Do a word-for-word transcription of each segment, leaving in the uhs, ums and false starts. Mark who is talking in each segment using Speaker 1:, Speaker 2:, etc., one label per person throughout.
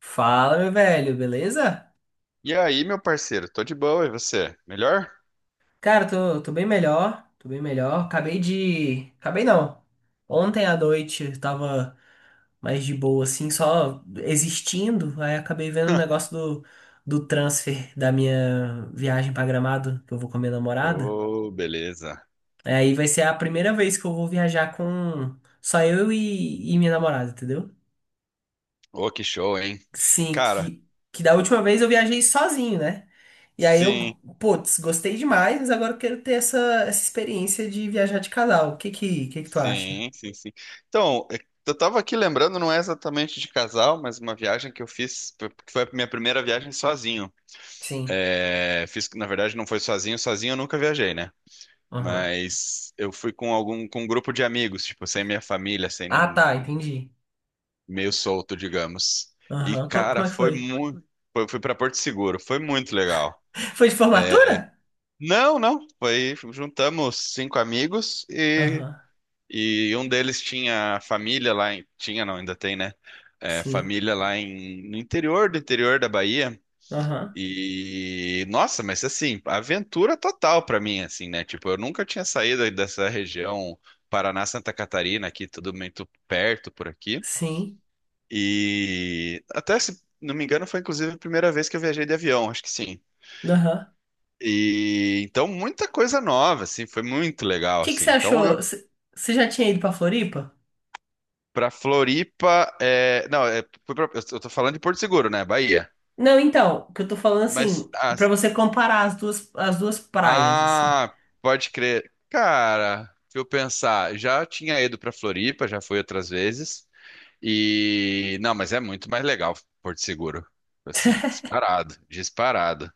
Speaker 1: Fala, meu velho, beleza?
Speaker 2: E aí, meu parceiro? Tô de boa, e você? Melhor?
Speaker 1: Cara, tô, tô bem melhor, tô bem melhor. Acabei de. Acabei não. Ontem à noite eu tava mais de boa, assim, só existindo. Aí acabei vendo o negócio do, do transfer da minha viagem pra Gramado, que eu vou com a minha namorada.
Speaker 2: Ô, beleza.
Speaker 1: É. Aí vai ser a primeira vez que eu vou viajar com só eu e, e minha namorada, entendeu?
Speaker 2: Ô, que show, hein?
Speaker 1: Sim,
Speaker 2: Cara,
Speaker 1: que, que da última vez eu viajei sozinho, né? E aí eu,
Speaker 2: sim,
Speaker 1: putz, gostei demais, mas agora eu quero ter essa, essa experiência de viajar de casal. O que que, que que tu acha?
Speaker 2: sim, sim, sim. Então, é, eu tava aqui lembrando, não é exatamente de casal, mas uma viagem que eu fiz, que foi a minha primeira viagem sozinho.
Speaker 1: Sim.
Speaker 2: É, fiz, na verdade, não foi sozinho, sozinho eu nunca viajei, né?
Speaker 1: Aham.
Speaker 2: Mas eu fui com algum, com um grupo de amigos, tipo, sem minha família, sem
Speaker 1: Ah,
Speaker 2: nem,
Speaker 1: tá, entendi.
Speaker 2: meio solto, digamos. E,
Speaker 1: Aham. Co-
Speaker 2: cara,
Speaker 1: Como é que
Speaker 2: foi
Speaker 1: foi?
Speaker 2: muito, foi, fui pra Porto Seguro, foi muito legal.
Speaker 1: Foi de formatura?
Speaker 2: Não, não. Foi, juntamos cinco amigos e,
Speaker 1: Aham.
Speaker 2: e um deles tinha família lá em, tinha não, ainda tem, né? É,
Speaker 1: Sim.
Speaker 2: família lá em, no interior do interior da Bahia.
Speaker 1: Aham.
Speaker 2: E nossa, mas assim, aventura total pra mim, assim, né? Tipo, eu nunca tinha saído dessa região Paraná, Santa Catarina, aqui tudo muito perto por aqui.
Speaker 1: Sim.
Speaker 2: E até se não me engano, foi inclusive a primeira vez que eu viajei de avião, acho que sim.
Speaker 1: Aham.
Speaker 2: E então muita coisa nova, assim, foi muito
Speaker 1: O
Speaker 2: legal,
Speaker 1: que que
Speaker 2: assim.
Speaker 1: você
Speaker 2: Então
Speaker 1: achou?
Speaker 2: eu,
Speaker 1: Você você já tinha ido pra Floripa?
Speaker 2: pra Floripa, é, não, é, fui pra- eu eu tô falando de Porto Seguro, né, Bahia.
Speaker 1: Não, então, o que eu tô falando
Speaker 2: Mas
Speaker 1: assim, pra
Speaker 2: as-
Speaker 1: você comparar as duas, as duas praias, assim.
Speaker 2: ah, pode crer. Cara, se eu pensar, já tinha ido pra Floripa, já fui outras vezes. E não, mas é muito mais legal Porto Seguro. Assim, disparado, disparado.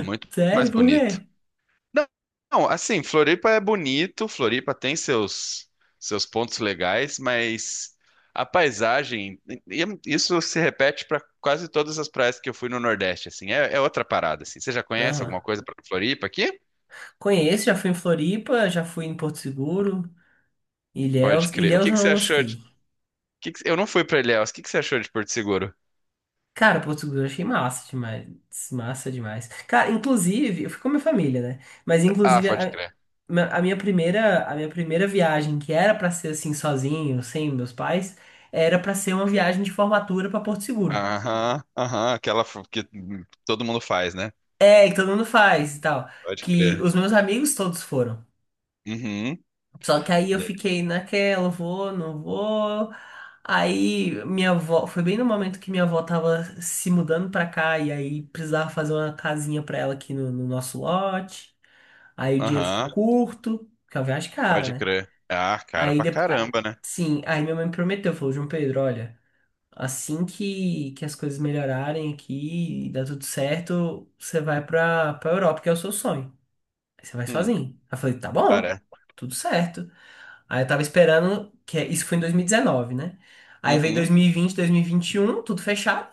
Speaker 2: Muito mais
Speaker 1: Sério? Por
Speaker 2: bonito.
Speaker 1: quê?
Speaker 2: Não, não, assim, Floripa é bonito, Floripa tem seus, seus pontos legais, mas a paisagem, e- e isso se repete para quase todas as praias que eu fui no Nordeste, assim, é, é outra parada, assim. Você já conhece alguma
Speaker 1: Aham.
Speaker 2: coisa para Floripa aqui?
Speaker 1: Conheço, já fui em Floripa, já fui em Porto Seguro.
Speaker 2: Pode
Speaker 1: Ilhéus,
Speaker 2: crer. O
Speaker 1: Ilhéus
Speaker 2: que
Speaker 1: eu
Speaker 2: que você
Speaker 1: não
Speaker 2: achou de... o
Speaker 1: gostei.
Speaker 2: que que- Eu não fui para Ilhéus, o que que você achou de Porto Seguro?
Speaker 1: Cara, Portugal eu achei massa demais. Massa demais. Cara, inclusive, eu fui com a minha família, né? Mas
Speaker 2: Ah,
Speaker 1: inclusive
Speaker 2: pode
Speaker 1: a,
Speaker 2: crer.
Speaker 1: a minha primeira, a minha primeira viagem, que era pra ser assim sozinho, sem meus pais, era pra ser uma viagem de formatura pra Porto Seguro.
Speaker 2: Aham, aham, aquela f- que todo mundo faz, né?
Speaker 1: É, que todo mundo faz e tal.
Speaker 2: Pode
Speaker 1: Que
Speaker 2: crer.
Speaker 1: os meus amigos todos foram.
Speaker 2: Uhum.
Speaker 1: Só que aí eu fiquei naquela, vou, não vou. Aí minha avó, foi bem no momento que minha avó tava se mudando pra cá e aí precisava fazer uma casinha pra ela aqui no, no nosso lote. Aí o dinheiro ficou
Speaker 2: Aham,
Speaker 1: curto, porque é uma viagem é cara,
Speaker 2: pode
Speaker 1: né?
Speaker 2: crer. Ah, cara
Speaker 1: Aí
Speaker 2: pra
Speaker 1: depois,
Speaker 2: caramba, né?
Speaker 1: sim, aí minha mãe me prometeu, falou, João Pedro, olha, assim que, que as coisas melhorarem aqui e dar tudo certo, você vai pra, pra Europa, que é o seu sonho. Aí você vai
Speaker 2: Hum,
Speaker 1: sozinho. Aí eu falei, tá bom,
Speaker 2: cara.
Speaker 1: tudo certo. Aí eu tava esperando, que é, isso foi em dois mil e dezenove, né? Aí veio
Speaker 2: Uhum,
Speaker 1: dois mil e vinte, dois mil e vinte e um, tudo fechado.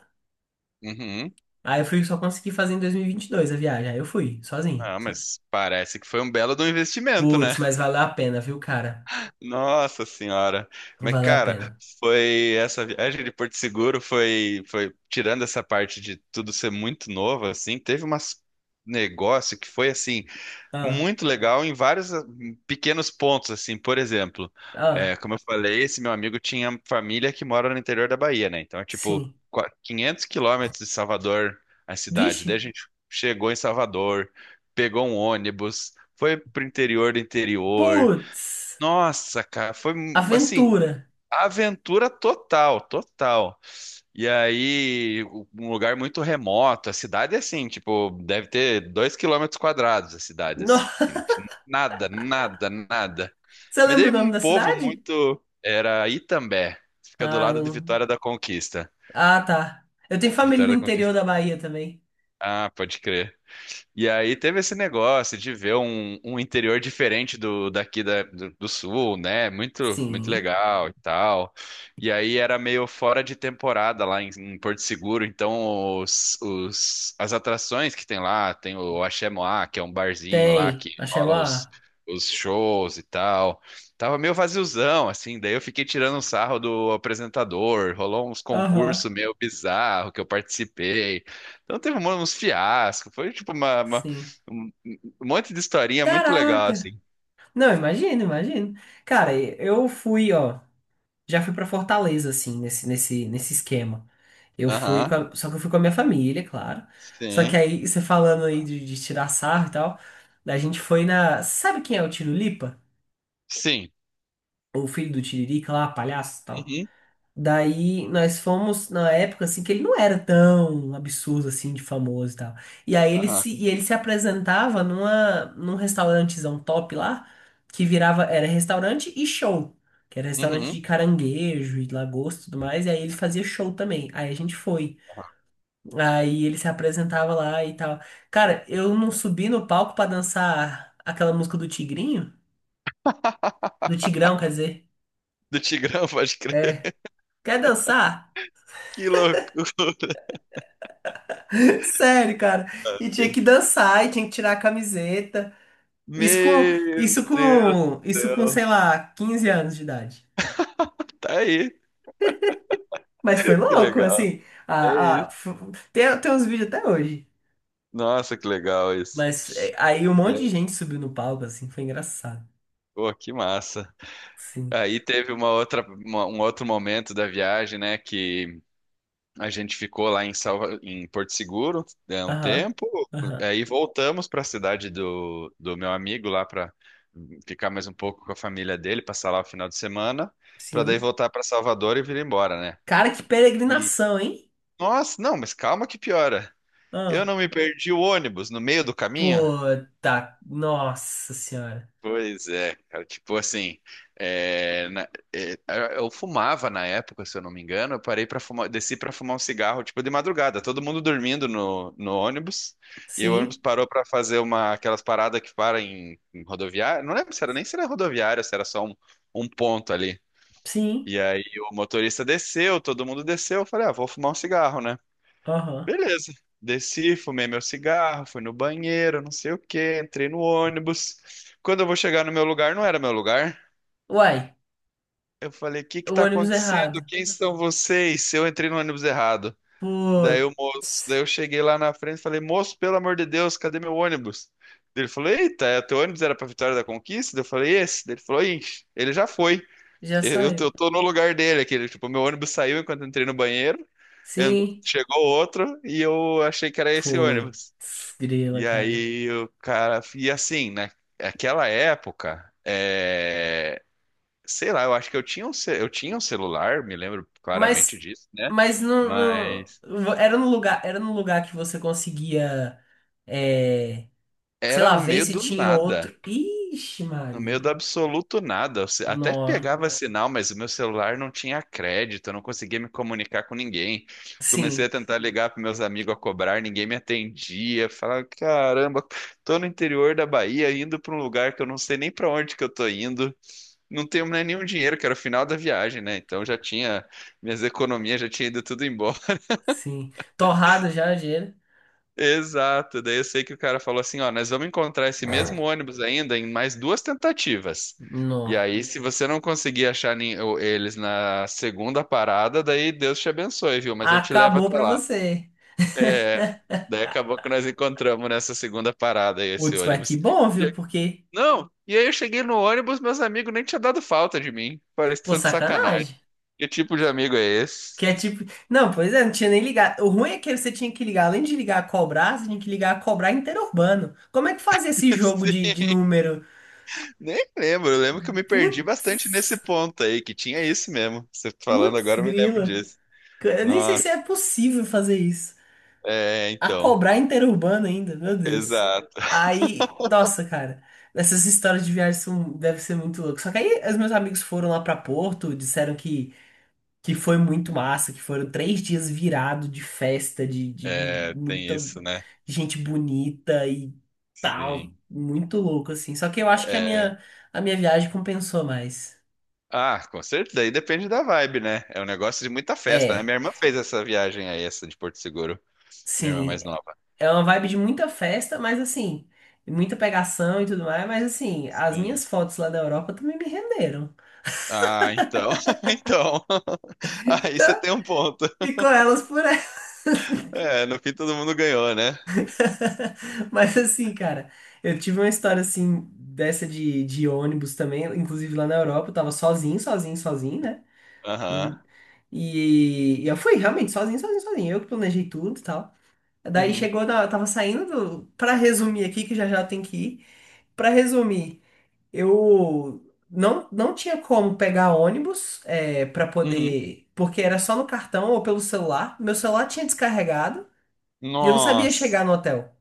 Speaker 2: uhum.
Speaker 1: Aí eu fui, só consegui fazer em dois mil e vinte e dois a viagem. Aí eu fui, sozinho,
Speaker 2: Ah,
Speaker 1: sim.
Speaker 2: mas parece que foi um belo do investimento, né?
Speaker 1: Putz, mas valeu a pena, viu, cara?
Speaker 2: Nossa senhora. Mas,
Speaker 1: Valeu a
Speaker 2: cara,
Speaker 1: pena.
Speaker 2: foi essa viagem de Porto Seguro foi, foi tirando essa parte de tudo ser muito novo, assim, teve umas negócio que foi assim.
Speaker 1: Ah,
Speaker 2: Muito legal em vários ah, pequenos pontos, assim, por exemplo, é,
Speaker 1: ah,
Speaker 2: como eu falei, esse meu amigo tinha família que mora no interior da Bahia, né? Então é tipo
Speaker 1: sim.
Speaker 2: qua- quinhentos quilômetros de Salvador, a cidade.
Speaker 1: Vixe,
Speaker 2: Daí a gente chegou em Salvador, pegou um ônibus, foi pro interior do interior.
Speaker 1: putz,
Speaker 2: Nossa, cara, foi assim,
Speaker 1: aventura.
Speaker 2: aventura total, total. E aí, um lugar muito remoto, a cidade é assim, tipo, deve ter dois quilômetros quadrados a cidade, assim,
Speaker 1: Nossa,
Speaker 2: tipo, nada, nada, nada.
Speaker 1: você
Speaker 2: Mas
Speaker 1: lembra
Speaker 2: daí
Speaker 1: o nome
Speaker 2: um
Speaker 1: da
Speaker 2: povo
Speaker 1: cidade?
Speaker 2: muito, era Itambé, fica do
Speaker 1: Ah,
Speaker 2: lado de
Speaker 1: não.
Speaker 2: Vitória da Conquista.
Speaker 1: Ah, tá. Eu tenho família no
Speaker 2: Vitória da
Speaker 1: interior
Speaker 2: Conquista.
Speaker 1: da Bahia também.
Speaker 2: Ah, pode crer. E aí teve esse negócio de ver um, um, interior diferente do daqui da- do, do sul, né? Muito, muito
Speaker 1: Sim,
Speaker 2: legal e tal. E aí era meio fora de temporada lá em, em, Porto Seguro, então os, os- as atrações que tem lá, tem o Axé Moá, que é um barzinho lá que
Speaker 1: tem. Achei
Speaker 2: rola os,
Speaker 1: uma...
Speaker 2: os shows e tal. Tava meio vaziozão, assim, daí eu fiquei tirando um sarro do apresentador, rolou uns
Speaker 1: Aham,
Speaker 2: concursos meio bizarro que eu participei. Então teve um- uns fiascos, foi tipo uma, uma-
Speaker 1: sim.
Speaker 2: um um monte de historinha muito legal,
Speaker 1: Caraca!
Speaker 2: assim.
Speaker 1: Não, imagino, imagino. Cara, eu fui, ó, já fui pra Fortaleza, assim, nesse, nesse, nesse esquema. Eu fui, com
Speaker 2: Aham,
Speaker 1: a- só que eu fui com a minha família, claro. Só que
Speaker 2: sim,
Speaker 1: aí, você falando aí de, de tirar sarro e tal, a gente foi na. Sabe quem é o Tirulipa?
Speaker 2: sim.
Speaker 1: O filho do Tiririca lá, palhaço e tal?
Speaker 2: Uhum,
Speaker 1: Daí nós fomos na época assim que ele não era tão absurdo assim de famoso e tal. E aí ele
Speaker 2: aham,
Speaker 1: se, e ele se apresentava numa, num restaurantezão top lá, que virava, era restaurante e show, que era restaurante
Speaker 2: uhum,
Speaker 1: de caranguejo e lagosta e tudo mais, e aí ele fazia show também. Aí a gente foi.
Speaker 2: aham.
Speaker 1: Aí ele se apresentava lá e tal. Cara, eu não subi no palco pra dançar aquela música do Tigrinho, do Tigrão, quer dizer.
Speaker 2: Do Tigrão, pode
Speaker 1: É.
Speaker 2: crer.
Speaker 1: Quer dançar?
Speaker 2: Que loucura.
Speaker 1: Sério, cara. E tinha
Speaker 2: velho.
Speaker 1: que dançar, e tinha que tirar a camiseta. Isso com,
Speaker 2: Meu
Speaker 1: isso
Speaker 2: Deus do
Speaker 1: com, isso com,
Speaker 2: céu.
Speaker 1: sei lá, quinze anos de idade.
Speaker 2: Tá aí,
Speaker 1: Mas foi
Speaker 2: que
Speaker 1: louco,
Speaker 2: legal.
Speaker 1: assim.
Speaker 2: É
Speaker 1: A,
Speaker 2: isso.
Speaker 1: a- f- tem, tem uns vídeos até hoje.
Speaker 2: Nossa, que legal isso.
Speaker 1: Mas é, aí um
Speaker 2: E
Speaker 1: monte de
Speaker 2: aí?
Speaker 1: gente subiu no palco, assim, foi engraçado.
Speaker 2: Pô, que massa.
Speaker 1: Sim.
Speaker 2: Aí teve uma outra, uma- um outro momento da viagem, né, que A gente ficou lá em Salva... em Porto Seguro é, um
Speaker 1: Aham.
Speaker 2: tempo,
Speaker 1: Aham.
Speaker 2: aí voltamos para a cidade do, do meu amigo lá para ficar mais um pouco com a família dele, passar lá o final de semana, para daí
Speaker 1: Sim.
Speaker 2: voltar para Salvador e vir embora, né?
Speaker 1: Cara, que
Speaker 2: E
Speaker 1: peregrinação, hein?
Speaker 2: nossa, não, mas calma que piora. Eu
Speaker 1: Ah,
Speaker 2: não me perdi o ônibus no meio do caminho.
Speaker 1: pô, tá. Nossa senhora.
Speaker 2: Pois é, cara, tipo assim, é, na- é, eu fumava na época, se eu não me engano, eu parei para fumar, desci para fumar um cigarro, tipo de madrugada, todo mundo dormindo no, no, ônibus, e o ônibus
Speaker 1: Sim,
Speaker 2: parou para fazer uma aquelas paradas que param em, em, rodoviária, não lembro se era nem se era rodoviária, se era só um, um ponto ali.
Speaker 1: sim.
Speaker 2: E aí o motorista desceu, todo mundo desceu, eu falei, ah, vou fumar um cigarro, né?
Speaker 1: Aham.
Speaker 2: Beleza. Desci, fumei meu cigarro, fui no banheiro, não sei o quê, entrei no ônibus. Quando eu vou chegar no meu lugar, não era meu lugar.
Speaker 1: Uai,
Speaker 2: Eu falei, o que que
Speaker 1: o
Speaker 2: tá
Speaker 1: ônibus
Speaker 2: acontecendo?
Speaker 1: errado.
Speaker 2: Quem são vocês? Eu entrei no ônibus errado. Daí o
Speaker 1: Pô.
Speaker 2: moço, daí eu cheguei lá na frente e falei, moço, pelo amor de Deus, cadê meu ônibus? Daí Ele falou, eita, é, teu ônibus era pra Vitória da Conquista? Daí Eu falei, esse. Daí Ele falou, ixi, ele já foi.
Speaker 1: Já
Speaker 2: Eu, eu tô eu
Speaker 1: saiu.
Speaker 2: tô no lugar dele aqui. Ele, Tipo, meu ônibus saiu enquanto eu entrei no banheiro, en-
Speaker 1: Sim.
Speaker 2: chegou outro e eu achei que era esse ônibus.
Speaker 1: Putz, grila,
Speaker 2: E
Speaker 1: cara.
Speaker 2: aí o cara. E assim, na- naquela época, é, sei lá, eu acho que eu tinha um, ce- eu tinha um celular, me lembro claramente
Speaker 1: Mas,
Speaker 2: disso, né?
Speaker 1: mas não,
Speaker 2: Mas
Speaker 1: não- era no lugar, era no lugar que você conseguia, é, sei
Speaker 2: era
Speaker 1: lá,
Speaker 2: no
Speaker 1: ver
Speaker 2: meio
Speaker 1: se
Speaker 2: do
Speaker 1: tinha
Speaker 2: nada.
Speaker 1: outro. Ixi,
Speaker 2: No meio
Speaker 1: Maria.
Speaker 2: do absoluto nada. Eu se- Até
Speaker 1: Nó.
Speaker 2: pegava sinal, mas o meu celular não tinha crédito, eu não conseguia me comunicar com ninguém. Comecei a
Speaker 1: Sim,
Speaker 2: tentar ligar para meus amigos a cobrar, ninguém me atendia. Falava, caramba, tô no interior da Bahia, indo para um lugar que eu não sei nem para onde que eu tô indo. não tenho nem nenhum dinheiro, que era o final da viagem, né? Então já tinha, minhas economias já tinha ido tudo embora.
Speaker 1: sim. Torrado já, gelo.
Speaker 2: Exato. Daí eu sei que o cara falou assim, ó, nós vamos encontrar esse mesmo ônibus ainda em mais duas tentativas. E
Speaker 1: Nó.
Speaker 2: aí, se você não conseguir achar nem- o- eles na segunda parada, daí Deus te abençoe, viu? Mas eu te levo
Speaker 1: Acabou
Speaker 2: até
Speaker 1: pra
Speaker 2: lá.
Speaker 1: você.
Speaker 2: É, daí acabou que nós encontramos nessa segunda parada aí, esse
Speaker 1: Putz, mas que
Speaker 2: ônibus.
Speaker 1: bom,
Speaker 2: E
Speaker 1: viu?
Speaker 2: eu-
Speaker 1: Porque,
Speaker 2: Não, e aí eu cheguei no ônibus, meus amigos nem tinham dado falta de mim. Parece
Speaker 1: pô,
Speaker 2: tanto sacanagem.
Speaker 1: sacanagem.
Speaker 2: Que tipo de amigo é esse?
Speaker 1: Que é tipo. Não, pois é, não tinha nem ligado. O ruim é que você tinha que ligar, além de ligar a cobrar, você tinha que ligar a cobrar interurbano. Como é que fazia esse jogo de,
Speaker 2: Sim,
Speaker 1: de número?
Speaker 2: Nem lembro, eu lembro que eu me perdi
Speaker 1: Pu-
Speaker 2: bastante nesse ponto aí, que tinha isso mesmo. Você falando
Speaker 1: Putz,
Speaker 2: agora, eu me lembro
Speaker 1: grila.
Speaker 2: disso.
Speaker 1: Eu nem sei
Speaker 2: Nossa,
Speaker 1: se é possível fazer isso.
Speaker 2: é,
Speaker 1: A
Speaker 2: então,
Speaker 1: cobrar interurbano ainda, meu Deus.
Speaker 2: exato.
Speaker 1: Aí, nossa, cara. Essas histórias de viagem são, deve ser muito louco. Só que aí os meus amigos foram lá pra Porto, disseram que que foi muito massa, que foram três dias virado de festa, de, de
Speaker 2: É, tem
Speaker 1: muita
Speaker 2: isso, né?
Speaker 1: gente bonita e tal,
Speaker 2: Sim.
Speaker 1: muito louco assim. Só que eu acho que a
Speaker 2: É,
Speaker 1: minha a minha viagem compensou mais.
Speaker 2: Ah, com certeza, aí depende da vibe, né? É um negócio de muita festa, né?
Speaker 1: É,
Speaker 2: Minha irmã fez essa viagem aí, essa de Porto Seguro, minha irmã
Speaker 1: sim,
Speaker 2: mais nova.
Speaker 1: é uma vibe de muita festa, mas assim, muita pegação e tudo mais, mas assim, as
Speaker 2: Sim.
Speaker 1: minhas fotos lá da Europa também me renderam.
Speaker 2: Ah, então, então. Aí você
Speaker 1: Então,
Speaker 2: tem um ponto.
Speaker 1: ficou elas por
Speaker 2: É, no fim todo mundo ganhou, né?
Speaker 1: Mas assim, cara, eu tive uma história assim, dessa de, de ônibus também, inclusive lá na Europa, eu tava sozinho, sozinho, sozinho, né? Hum.
Speaker 2: Aham.
Speaker 1: E, e eu fui realmente sozinho, sozinho, sozinho. Eu que planejei tudo e tal. Daí
Speaker 2: Uhum.
Speaker 1: chegou, na- eu tava saindo do. Pra resumir aqui, que já já tem que ir. Pra resumir, eu não, não tinha como pegar ônibus é, pra
Speaker 2: Uhum.
Speaker 1: poder. Porque era só no cartão ou pelo celular. Meu celular tinha descarregado e eu não sabia
Speaker 2: Nossa.
Speaker 1: chegar no hotel.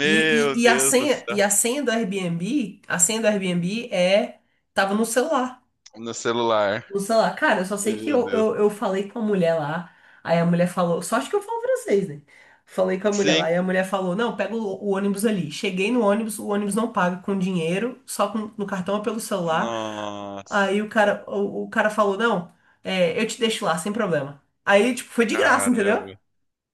Speaker 1: E, e, e a
Speaker 2: Deus do
Speaker 1: senha, e
Speaker 2: céu.
Speaker 1: a senha do Airbnb, a senha do Airbnb é, tava no celular.
Speaker 2: No celular.
Speaker 1: No celular. Cara, eu só sei que
Speaker 2: Meu
Speaker 1: eu,
Speaker 2: Deus.
Speaker 1: eu, eu falei com a mulher lá, aí a mulher falou, só acho que eu falo francês, né? Falei com a mulher lá,
Speaker 2: Sim.
Speaker 1: e a mulher falou, não, pega o, o ônibus ali. Cheguei no ônibus, o ônibus não paga com dinheiro, só com, no cartão ou pelo celular.
Speaker 2: Nossa,
Speaker 1: Aí o cara, o, o cara falou, não, é, eu te deixo lá, sem problema. Aí, tipo, foi de graça, entendeu?
Speaker 2: caramba.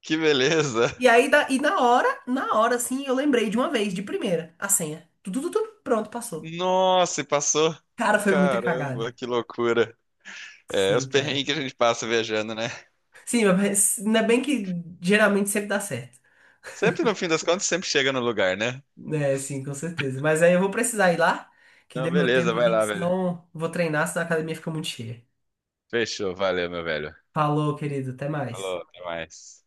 Speaker 2: Que beleza.
Speaker 1: E aí, da- e na hora, na hora, assim, eu lembrei de uma vez, de primeira, a senha. Tudo, tudo, tudo, pronto, passou.
Speaker 2: Nossa, e passou.
Speaker 1: Cara, foi muita
Speaker 2: Caramba,
Speaker 1: cagada.
Speaker 2: que loucura. É, os
Speaker 1: Sim,
Speaker 2: perrengues
Speaker 1: cara.
Speaker 2: que a gente passa viajando, né?
Speaker 1: Sim, mas ainda bem que geralmente sempre dá certo.
Speaker 2: Sempre no fim das contas, sempre chega no lugar, né?
Speaker 1: É, sim, com certeza. Mas aí eu vou precisar ir lá, que dê
Speaker 2: Não,
Speaker 1: meu
Speaker 2: beleza,
Speaker 1: tempo
Speaker 2: vai
Speaker 1: aqui, que
Speaker 2: lá, velho.
Speaker 1: senão eu vou treinar, senão a academia fica muito cheia.
Speaker 2: Fechou, valeu, meu velho.
Speaker 1: Falou, querido, até mais.
Speaker 2: Falou, até mais.